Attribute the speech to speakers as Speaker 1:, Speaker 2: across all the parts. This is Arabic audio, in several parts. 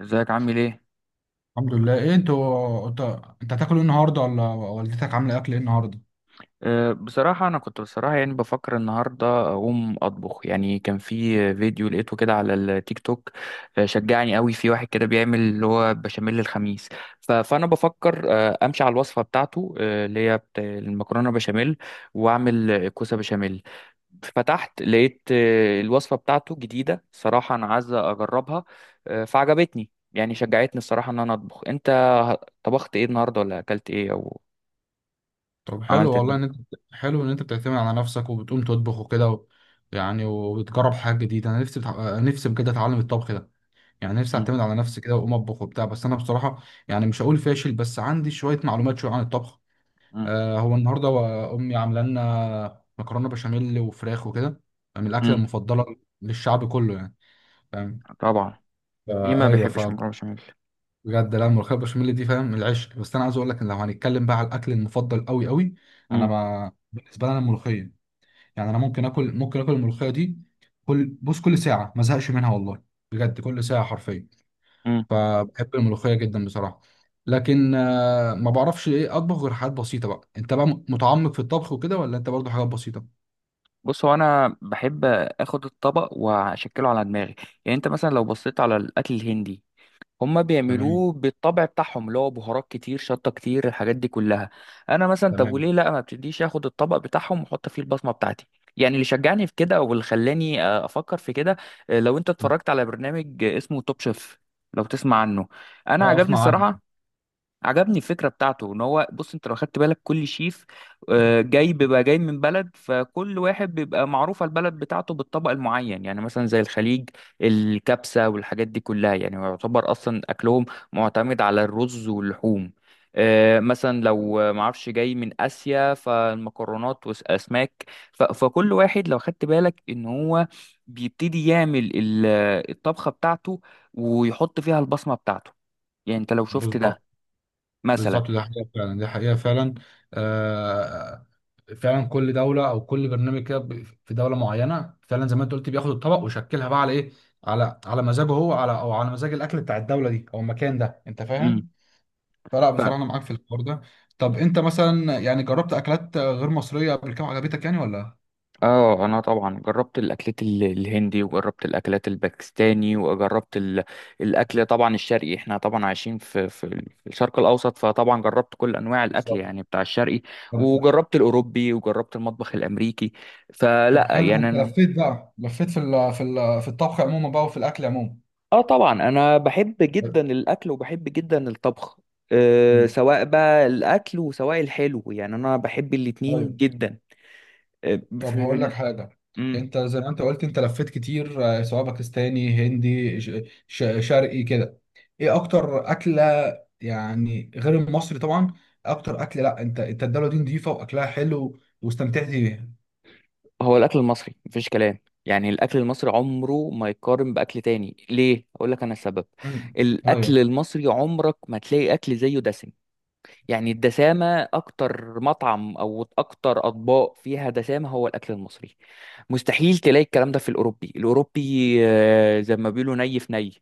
Speaker 1: ازيك؟ عامل ايه؟
Speaker 2: الحمد لله، ايه انتوا انت هتاكل ايه النهارده ولا والدتك عامله اكل ايه النهارده؟
Speaker 1: بصراحة أنا كنت بصراحة يعني بفكر النهاردة أقوم أطبخ. يعني كان في فيديو لقيته كده على التيك توك. شجعني قوي في واحد كده بيعمل اللي هو بشاميل الخميس. فأنا بفكر أمشي على الوصفة بتاعته. اللي هي المكرونة بشاميل، وأعمل كوسة بشاميل. فتحت لقيت الوصفة بتاعته جديدة، صراحة أنا عايز أجربها. فعجبتني، يعني شجعتني الصراحة إن أنا أطبخ. أنت طبخت إيه النهاردة، ولا أكلت إيه أو
Speaker 2: طب حلو
Speaker 1: عملت إيه
Speaker 2: والله
Speaker 1: النهاردة؟
Speaker 2: ان انت. حلو ان انت بتعتمد على نفسك وبتقوم تطبخ وكده يعني وبتجرب حاجه جديده. انا نفسي نفسي بجد اتعلم الطبخ ده، يعني نفسي اعتمد على نفسي كده واقوم اطبخ وبتاع. بس انا بصراحه يعني مش هقول فاشل، بس عندي شويه معلومات شويه عن الطبخ.
Speaker 1: مم.
Speaker 2: آه، هو النهارده امي عامله لنا مكرونه بشاميل وفراخ وكده، من الاكله
Speaker 1: مم.
Speaker 2: المفضله للشعب كله يعني. فاهم؟
Speaker 1: طبعا. مين ما
Speaker 2: آه ايوه.
Speaker 1: بيحبش مكرونه بشاميل؟
Speaker 2: بجد لا، الملوخيه البشاميل دي فاهم العشق، بس انا عايز اقول لك ان لو هنتكلم بقى على الاكل المفضل قوي قوي، انا
Speaker 1: مم.
Speaker 2: ما بالنسبه لي انا الملوخيه. يعني انا ممكن اكل، ممكن اكل الملوخيه دي كل، بص، كل ساعه ما زهقش منها والله، بجد كل ساعه حرفيا.
Speaker 1: مم.
Speaker 2: فبحب الملوخيه جدا بصراحه. لكن ما بعرفش ايه اطبخ غير حاجات بسيطه. بقى انت بقى متعمق في الطبخ وكده ولا انت برضو حاجات بسيطه؟
Speaker 1: بص، هو انا بحب اخد الطبق واشكله على دماغي. يعني انت مثلا لو بصيت على الاكل الهندي، هما
Speaker 2: تمام.
Speaker 1: بيعملوه بالطبع بتاعهم، اللي هو بهارات كتير، شطه كتير، الحاجات دي كلها. انا مثلا طب
Speaker 2: تمام.
Speaker 1: وليه لا، ما بتديش اخد الطبق بتاعهم واحط فيه البصمه بتاعتي؟ يعني اللي شجعني في كده واللي خلاني افكر في كده. لو انت اتفرجت على برنامج اسمه توب شيف، لو تسمع عنه. انا
Speaker 2: اه
Speaker 1: عجبني
Speaker 2: اسمع عنه.
Speaker 1: الصراحه، عجبني الفكرة بتاعته ان هو، بص، انت لو خدت بالك كل شيف جاي، بيبقى جاي من بلد. فكل واحد بيبقى معروفة البلد بتاعته بالطبق المعين. يعني مثلا زي الخليج، الكبسة والحاجات دي كلها. يعني يعتبر اصلا اكلهم معتمد على الرز واللحوم. مثلا لو معرفش جاي من اسيا فالمكرونات والاسماك. فكل واحد لو خدت بالك ان هو بيبتدي يعمل الطبخة بتاعته ويحط فيها البصمة بتاعته. يعني انت لو شفت ده
Speaker 2: بالظبط.
Speaker 1: مثلا.
Speaker 2: بالظبط ده حقيقه فعلا، ده حقيقه فعلا. آه، فعلا كل دوله او كل برنامج كده في دوله معينه، فعلا زي ما انت قلت بياخد الطبق ويشكلها بقى على ايه، على على مزاجه هو، على او على مزاج الاكل بتاع الدوله دي او المكان ده. انت
Speaker 1: امم.
Speaker 2: فاهم؟ فلا
Speaker 1: ف
Speaker 2: بصراحه انا معاك في الحوار ده. طب انت مثلا يعني جربت اكلات غير مصريه قبل كده عجبتك يعني ولا؟
Speaker 1: اه انا طبعا جربت الاكلات الهندي، وجربت الاكلات الباكستاني، وجربت الاكل طبعا الشرقي. احنا طبعا عايشين في في الشرق الاوسط، فطبعا جربت كل انواع الاكل
Speaker 2: بالظبط.
Speaker 1: يعني بتاع الشرقي.
Speaker 2: طب.
Speaker 1: وجربت الاوروبي وجربت المطبخ الامريكي.
Speaker 2: طب
Speaker 1: فلا
Speaker 2: حلو، ده
Speaker 1: يعني
Speaker 2: انت لفيت بقى، لفيت في ال في ال في الطبخ عموما بقى وفي الاكل عموما.
Speaker 1: اه طبعا انا بحب جدا الاكل وبحب جدا الطبخ. أه
Speaker 2: مم.
Speaker 1: سواء بقى الاكل وسواء الحلو، يعني انا بحب الاتنين
Speaker 2: ايوه.
Speaker 1: جدا. أه،
Speaker 2: طب هقول لك
Speaker 1: في...
Speaker 2: حاجة، انت زي ما انت قلت انت لفيت كتير، سواء باكستاني هندي شرقي كده. ايه اكتر اكلة، يعني غير المصري طبعا، اكتر اكل لا انت انت الدولة دي نظيفة واكلها حلو واستمتعت بيها؟
Speaker 1: هو الاكل المصري مفيش كلام. يعني الاكل المصري عمره ما يقارن باكل تاني. ليه؟ اقول لك انا السبب.
Speaker 2: مم.
Speaker 1: الاكل
Speaker 2: ايوه.
Speaker 1: المصري عمرك ما تلاقي اكل زيه دسم. يعني الدسامه، اكتر مطعم او اكتر اطباق فيها دسامه هو الاكل المصري. مستحيل تلاقي الكلام ده في الاوروبي، زي ما بيقولوا ني في ني.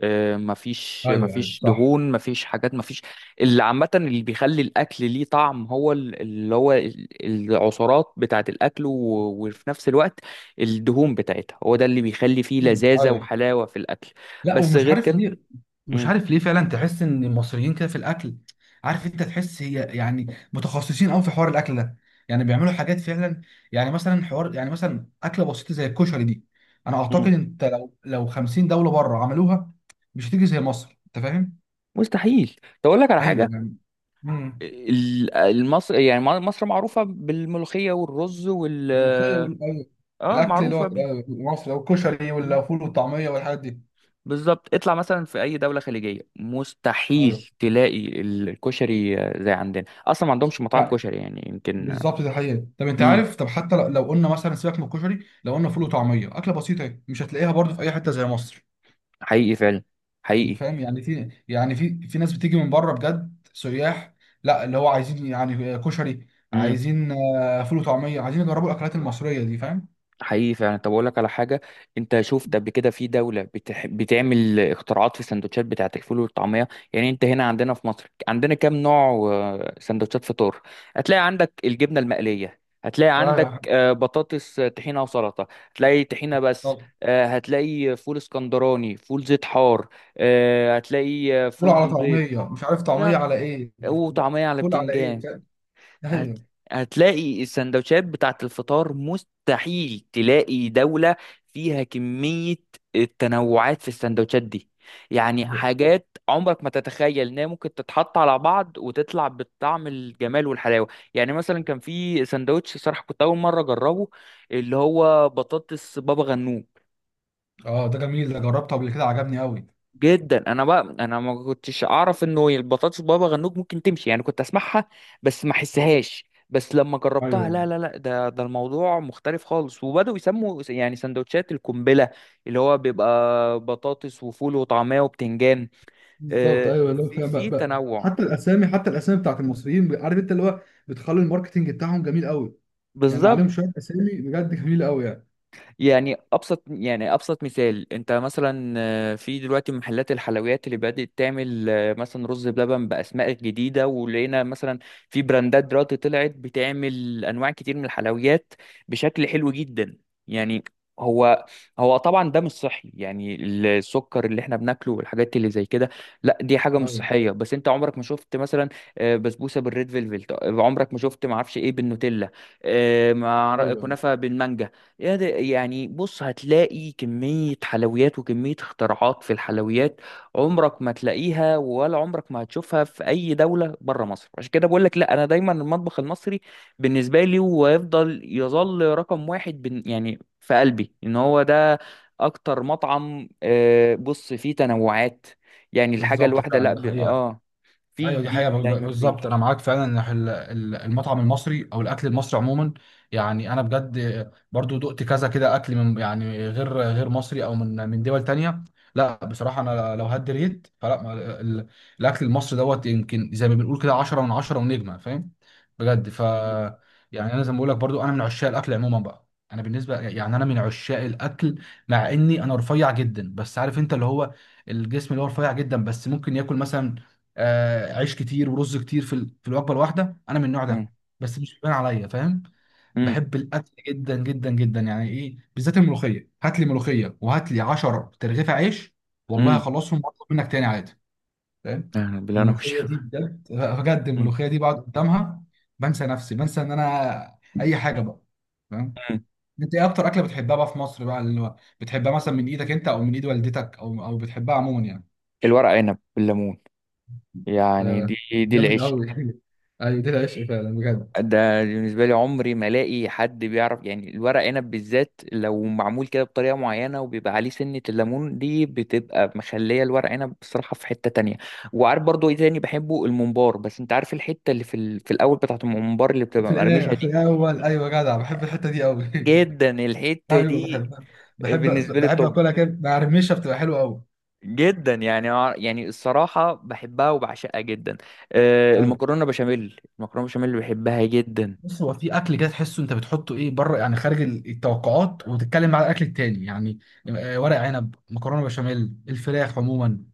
Speaker 1: مفيش
Speaker 2: ايوه ايوه
Speaker 1: مفيش
Speaker 2: صح.
Speaker 1: دهون، مفيش حاجات، مفيش. اللي عامة اللي بيخلي الأكل ليه طعم هو العصارات بتاعة الأكل، وفي نفس الوقت الدهون بتاعتها، هو ده اللي بيخلي فيه
Speaker 2: مم.
Speaker 1: لذاذة
Speaker 2: ايوه.
Speaker 1: وحلاوة في الأكل.
Speaker 2: لا
Speaker 1: بس
Speaker 2: ومش
Speaker 1: غير
Speaker 2: عارف
Speaker 1: كده.
Speaker 2: ليه، مش
Speaker 1: مم.
Speaker 2: عارف ليه فعلا تحس ان المصريين كده في الاكل، عارف انت، تحس هي يعني متخصصين قوي في حوار الاكل ده، يعني بيعملوا حاجات فعلا. يعني مثلا حوار، يعني مثلا اكله بسيطه زي الكشري دي، انا اعتقد
Speaker 1: مم.
Speaker 2: انت لو 50 دوله بره عملوها مش هتيجي زي مصر. انت فاهم؟
Speaker 1: مستحيل. تقول لك على حاجة.
Speaker 2: ايوه يعني. امم.
Speaker 1: المصر، يعني مصر معروفة بالملوخية والرز وال،
Speaker 2: الملوخيه أيوة.
Speaker 1: اه
Speaker 2: الاكل اللي
Speaker 1: معروفة
Speaker 2: هو
Speaker 1: بيه.
Speaker 2: مصر والكشري والفول والطعميه والحاجات دي.
Speaker 1: بالظبط. اطلع مثلا في اي دوله خليجيه
Speaker 2: ايوه
Speaker 1: مستحيل تلاقي الكشري زي عندنا، اصلا ما عندهمش مطاعم
Speaker 2: يعني.
Speaker 1: كشري، يعني يمكن.
Speaker 2: بالظبط، ده حقيقة. طب انت
Speaker 1: امم.
Speaker 2: عارف، طب حتى لو قلنا مثلا سيبك من الكشري، لو قلنا فول وطعمية أكلة بسيطة اهي، مش هتلاقيها برضه في أي حتة زي مصر.
Speaker 1: حقيقي فعلا. حقيقي.
Speaker 2: فاهم يعني؟ في يعني، في في ناس بتيجي من بره بجد سياح، لا اللي هو عايزين يعني كشري، عايزين فول وطعمية، عايزين يجربوا الأكلات المصرية دي. فاهم؟
Speaker 1: حقيقي فعلا. طب اقول لك على حاجه، انت شفت قبل كده في دوله بتعمل اختراعات في السندوتشات بتاعت الفول والطعميه؟ يعني انت هنا عندنا في مصر عندنا كام نوع سندوتشات فطار. هتلاقي عندك الجبنه المقليه، هتلاقي عندك
Speaker 2: ايوه.
Speaker 1: بطاطس، طحينه وسلطه، هتلاقي طحينه بس،
Speaker 2: طب
Speaker 1: هتلاقي فول اسكندراني، فول زيت حار، هتلاقي
Speaker 2: فول
Speaker 1: فول
Speaker 2: على
Speaker 1: بالبيض،
Speaker 2: طعمية، مش عارف طعمية
Speaker 1: يعني،
Speaker 2: على إيه،
Speaker 1: وطعميه على
Speaker 2: فول على إيه،
Speaker 1: بتنجان.
Speaker 2: فاهم؟
Speaker 1: هت...
Speaker 2: ايوه.
Speaker 1: هتلاقي السندوتشات بتاعت الفطار. مستحيل تلاقي دولة فيها كمية التنوعات في السندوتشات دي. يعني
Speaker 2: ب-
Speaker 1: حاجات عمرك ما تتخيل انها ممكن تتحط على بعض وتطلع بالطعم الجمال والحلاوة. يعني مثلا كان في سندوتش، صراحة كنت اول مرة اجربه، اللي هو بطاطس بابا غنوج.
Speaker 2: اه ده جميل، ده جربته قبل كده عجبني قوي.
Speaker 1: جدا انا بقى، انا ما كنتش اعرف انه البطاطس بابا غنوج ممكن تمشي، يعني كنت اسمعها بس ما احسهاش. بس لما جربتها، لا
Speaker 2: ايوه
Speaker 1: لا لا، ده الموضوع مختلف خالص. وبدأوا يسموا يعني سندوتشات القنبلة، اللي هو بيبقى بطاطس وفول وطعمية وبتنجان.
Speaker 2: بالظبط،
Speaker 1: آه،
Speaker 2: ايوه اللي هو
Speaker 1: في
Speaker 2: فاهم بقى,
Speaker 1: في
Speaker 2: بقى.
Speaker 1: تنوع.
Speaker 2: حتى الاسامي، حتى الاسامي بتاعت المصريين، عارف انت اللي هو بتخلي الماركتنج بتاعهم جميل قوي. يعني عليهم
Speaker 1: بالظبط.
Speaker 2: شويه اسامي بجد جميله قوي يعني.
Speaker 1: يعني ابسط، يعني ابسط مثال، انت مثلا في دلوقتي محلات الحلويات اللي بدأت تعمل مثلا رز بلبن باسماء جديده. ولقينا مثلا في براندات دلوقتي طلعت بتعمل انواع كتير من الحلويات بشكل حلو جدا. يعني هو هو طبعا ده مش صحي، يعني السكر اللي احنا بناكله والحاجات اللي زي كده، لا دي حاجه مش
Speaker 2: ايوه.
Speaker 1: صحيه. بس انت عمرك ما شفت مثلا بسبوسه بالريد فيلفل؟ عمرك ما شفت ما اعرفش ايه بالنوتيلا، مع
Speaker 2: ايوه
Speaker 1: كنافه بالمانجا؟ يعني بص، هتلاقي كمية حلويات وكمية اختراعات في الحلويات عمرك ما تلاقيها، ولا عمرك ما هتشوفها في أي دولة بره مصر. عشان كده بقول لك لا، أنا دايما المطبخ المصري بالنسبة لي، ويفضل يظل رقم واحد بن يعني في قلبي، إن هو ده أكتر مطعم بص فيه تنوعات. يعني الحاجة
Speaker 2: بالظبط
Speaker 1: الواحدة
Speaker 2: فعلا،
Speaker 1: لا
Speaker 2: دي
Speaker 1: ب...
Speaker 2: حقيقة.
Speaker 1: آه في
Speaker 2: ايوه دي
Speaker 1: جديد
Speaker 2: حقيقة
Speaker 1: دايما
Speaker 2: بالظبط.
Speaker 1: فيه.
Speaker 2: انا معاك فعلا ان المطعم المصري او الاكل المصري عموما، يعني انا بجد برضو دقت كذا كده اكل من، يعني غير غير مصري، او من من دول تانية. لا بصراحة، انا لو هدي ريت، فلا ال- الاكل المصري دوت يمكن زي ما بنقول كده 10 من 10 ونجمة. فاهم؟ بجد.
Speaker 1: مم.
Speaker 2: يعني انا زي ما بقول لك برضو، انا من عشاق الاكل عموما بقى. انا بالنسبة يعني انا من عشاق الاكل. مع اني انا رفيع جدا، بس عارف انت اللي هو الجسم اللي هو رفيع جدا، بس ممكن ياكل مثلا عيش كتير ورز كتير في في الوجبه الواحده، انا من النوع
Speaker 1: مم.
Speaker 2: ده. بس مش بيبان عليا. فاهم؟
Speaker 1: مم.
Speaker 2: بحب الاكل جدا جدا جدا، يعني ايه بالذات الملوخيه، هات لي ملوخيه وهات لي 10 ترغيفه عيش والله
Speaker 1: مم.
Speaker 2: هخلصهم واطلب منك تاني عادي. فاهم؟
Speaker 1: بالله أنا وشي.
Speaker 2: الملوخيه دي بجد بجد،
Speaker 1: مم.
Speaker 2: الملوخيه دي بقعد قدامها بنسى نفسي، بنسى ان انا اي حاجه بقى. فاهم؟
Speaker 1: مم.
Speaker 2: انت ايه اكتر اكله بتحبها بقى في مصر بقى، اللي هو بتحبها مثلا من ايدك انت او من ايد والدتك او او بتحبها عموما يعني؟
Speaker 1: الورق عنب بالليمون، يعني دي،
Speaker 2: آه،
Speaker 1: دي
Speaker 2: جامد
Speaker 1: العشق.
Speaker 2: قوي. ايوه ده العشق فعلا بجد.
Speaker 1: ده بالنسبة لي عمري ما الاقي حد بيعرف، يعني الورق عنب بالذات لو معمول كده بطريقة معينة وبيبقى عليه سنة الليمون دي، بتبقى مخلية الورق عنب بصراحة في حتة تانية. وعارف برضو ايه تاني بحبه؟ الممبار. بس انت عارف الحتة اللي في الاول بتاعة الممبار اللي
Speaker 2: في
Speaker 1: بتبقى مقرمشة
Speaker 2: الايه، في
Speaker 1: دي،
Speaker 2: الاول، ايوه جدع، بحب الحته دي قوي.
Speaker 1: جدا الحتة
Speaker 2: ايوه
Speaker 1: دي
Speaker 2: بحب، بحب.
Speaker 1: بالنسبة لي.
Speaker 2: بحب
Speaker 1: طب
Speaker 2: اكلها كده مع رميشه بتبقى حلوه قوي.
Speaker 1: جدا يعني يعني الصراحة بحبها وبعشقها جدا.
Speaker 2: ايوه،
Speaker 1: المكرونة بشاميل، المكرونة بشاميل بحبها جدا.
Speaker 2: بص، هو في اكل كده تحسه انت بتحطه ايه بره، يعني خارج التوقعات وتتكلم مع الاكل التاني يعني، ورق عنب، مكرونه بشاميل، الفراخ عموما.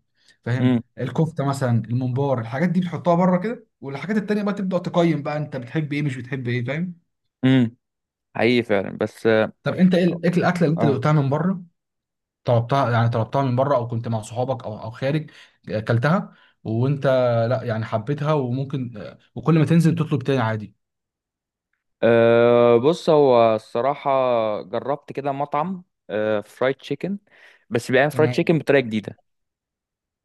Speaker 2: فاهم؟ الكفته مثلا، الممبار، الحاجات دي بتحطها بره كده، والحاجات التانيه بقى تبدا تقيم بقى انت بتحب ايه مش بتحب ايه. فاهم؟
Speaker 1: امم. حقيقي فعلا بس اه.
Speaker 2: طب انت ايه الاكل، الاكله اللي انت
Speaker 1: آه.
Speaker 2: دقتها من بره، طلبتها يعني، طلبتها من بره او كنت مع صحابك او او خارج اكلتها، وانت لا يعني حبيتها وممكن، وكل ما تنزل تطلب تاني عادي؟
Speaker 1: بص هو الصراحة جربت كده مطعم آه فرايد تشيكن، بس بيعمل فرايد
Speaker 2: تمام.
Speaker 1: تشيكن بطريقة جديدة،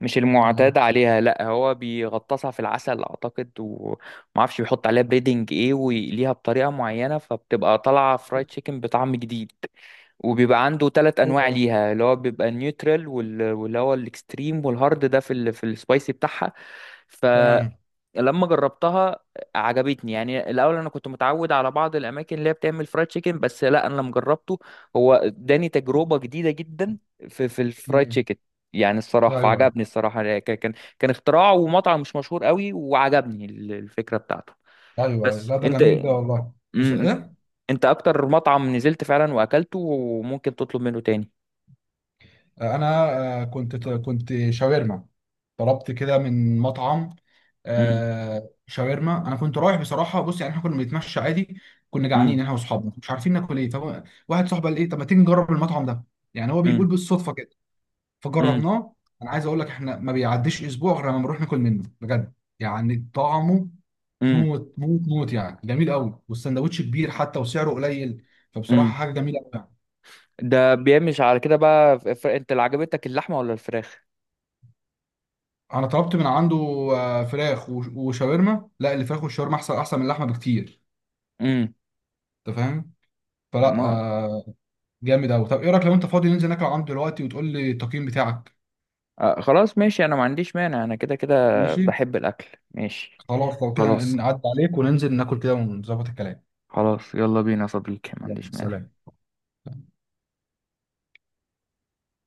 Speaker 1: مش
Speaker 2: يعني-
Speaker 1: المعتاد عليها. لا هو بيغطسها في العسل اعتقد، ومعرفش بيحط عليها بريدنج ايه، ويقليها بطريقة معينة، فبتبقى طالعة فرايد تشيكن بطعم جديد. وبيبقى عنده ثلاث انواع
Speaker 2: ايوه.
Speaker 1: ليها، اللي هو بيبقى النيوترال واللي هو الاكستريم والهارد، ده في السبايسي بتاعها.
Speaker 2: تمام.
Speaker 1: لما جربتها عجبتني. يعني الاول انا كنت متعود على بعض الاماكن اللي هي بتعمل فرايد تشيكن، بس لا انا لما جربته هو اداني تجربه جديده جدا في الفرايد
Speaker 2: مم.
Speaker 1: تشيكن. يعني الصراحه
Speaker 2: ايوه.
Speaker 1: فعجبني الصراحه، يعني كان اختراع، ومطعم مش مشهور قوي، وعجبني الفكره بتاعته.
Speaker 2: ايوه أيوة.
Speaker 1: بس
Speaker 2: لا ده
Speaker 1: انت،
Speaker 2: جميل ده والله. بس
Speaker 1: مم،
Speaker 2: ايه،
Speaker 1: انت اكتر مطعم نزلت فعلا واكلته وممكن تطلب منه تاني؟
Speaker 2: انا كنت شاورما، طلبت كده من مطعم
Speaker 1: مم.
Speaker 2: شاورما. انا كنت رايح بصراحه، بص، يعني احنا كنا بنتمشى عادي، كنا جعانين
Speaker 1: مم.
Speaker 2: احنا واصحابنا، مش عارفين ناكل ايه، فواحد صاحبي قال ايه طب ما تيجي نجرب المطعم ده، يعني هو
Speaker 1: مم.
Speaker 2: بيقول بالصدفه كده،
Speaker 1: مم.
Speaker 2: فجربناه. انا عايز اقول لك احنا ما بيعديش اسبوع غير لما بنروح ناكل منه بجد. يعني طعمه
Speaker 1: مم.
Speaker 2: موت موت موت، يعني جميل قوي، والسندوتش كبير حتى وسعره قليل. فبصراحه
Speaker 1: مم.
Speaker 2: حاجه جميله قوي يعني.
Speaker 1: ده بيمشي على كده بقى. انت اللي عجبتك اللحمه ولا الفراخ؟
Speaker 2: انا طلبت من عنده فراخ وشاورما، لا، الفراخ والشاورما احسن احسن من اللحمه بكتير.
Speaker 1: امم.
Speaker 2: انت فاهم؟ فلا
Speaker 1: ما
Speaker 2: آه، جامد قوي. طب ايه رايك لو انت فاضي ننزل ناكل عنده دلوقتي وتقول لي التقييم بتاعك؟
Speaker 1: آه خلاص ماشي، انا ما عنديش مانع، انا كده كده
Speaker 2: ماشي.
Speaker 1: بحب الاكل. ماشي،
Speaker 2: خلاص، لو كده
Speaker 1: خلاص.
Speaker 2: نعدي عليك وننزل ناكل كده ونظبط الكلام.
Speaker 1: خلاص، يلا بينا يا صديقي، ما
Speaker 2: يلا،
Speaker 1: عنديش مانع.
Speaker 2: سلام.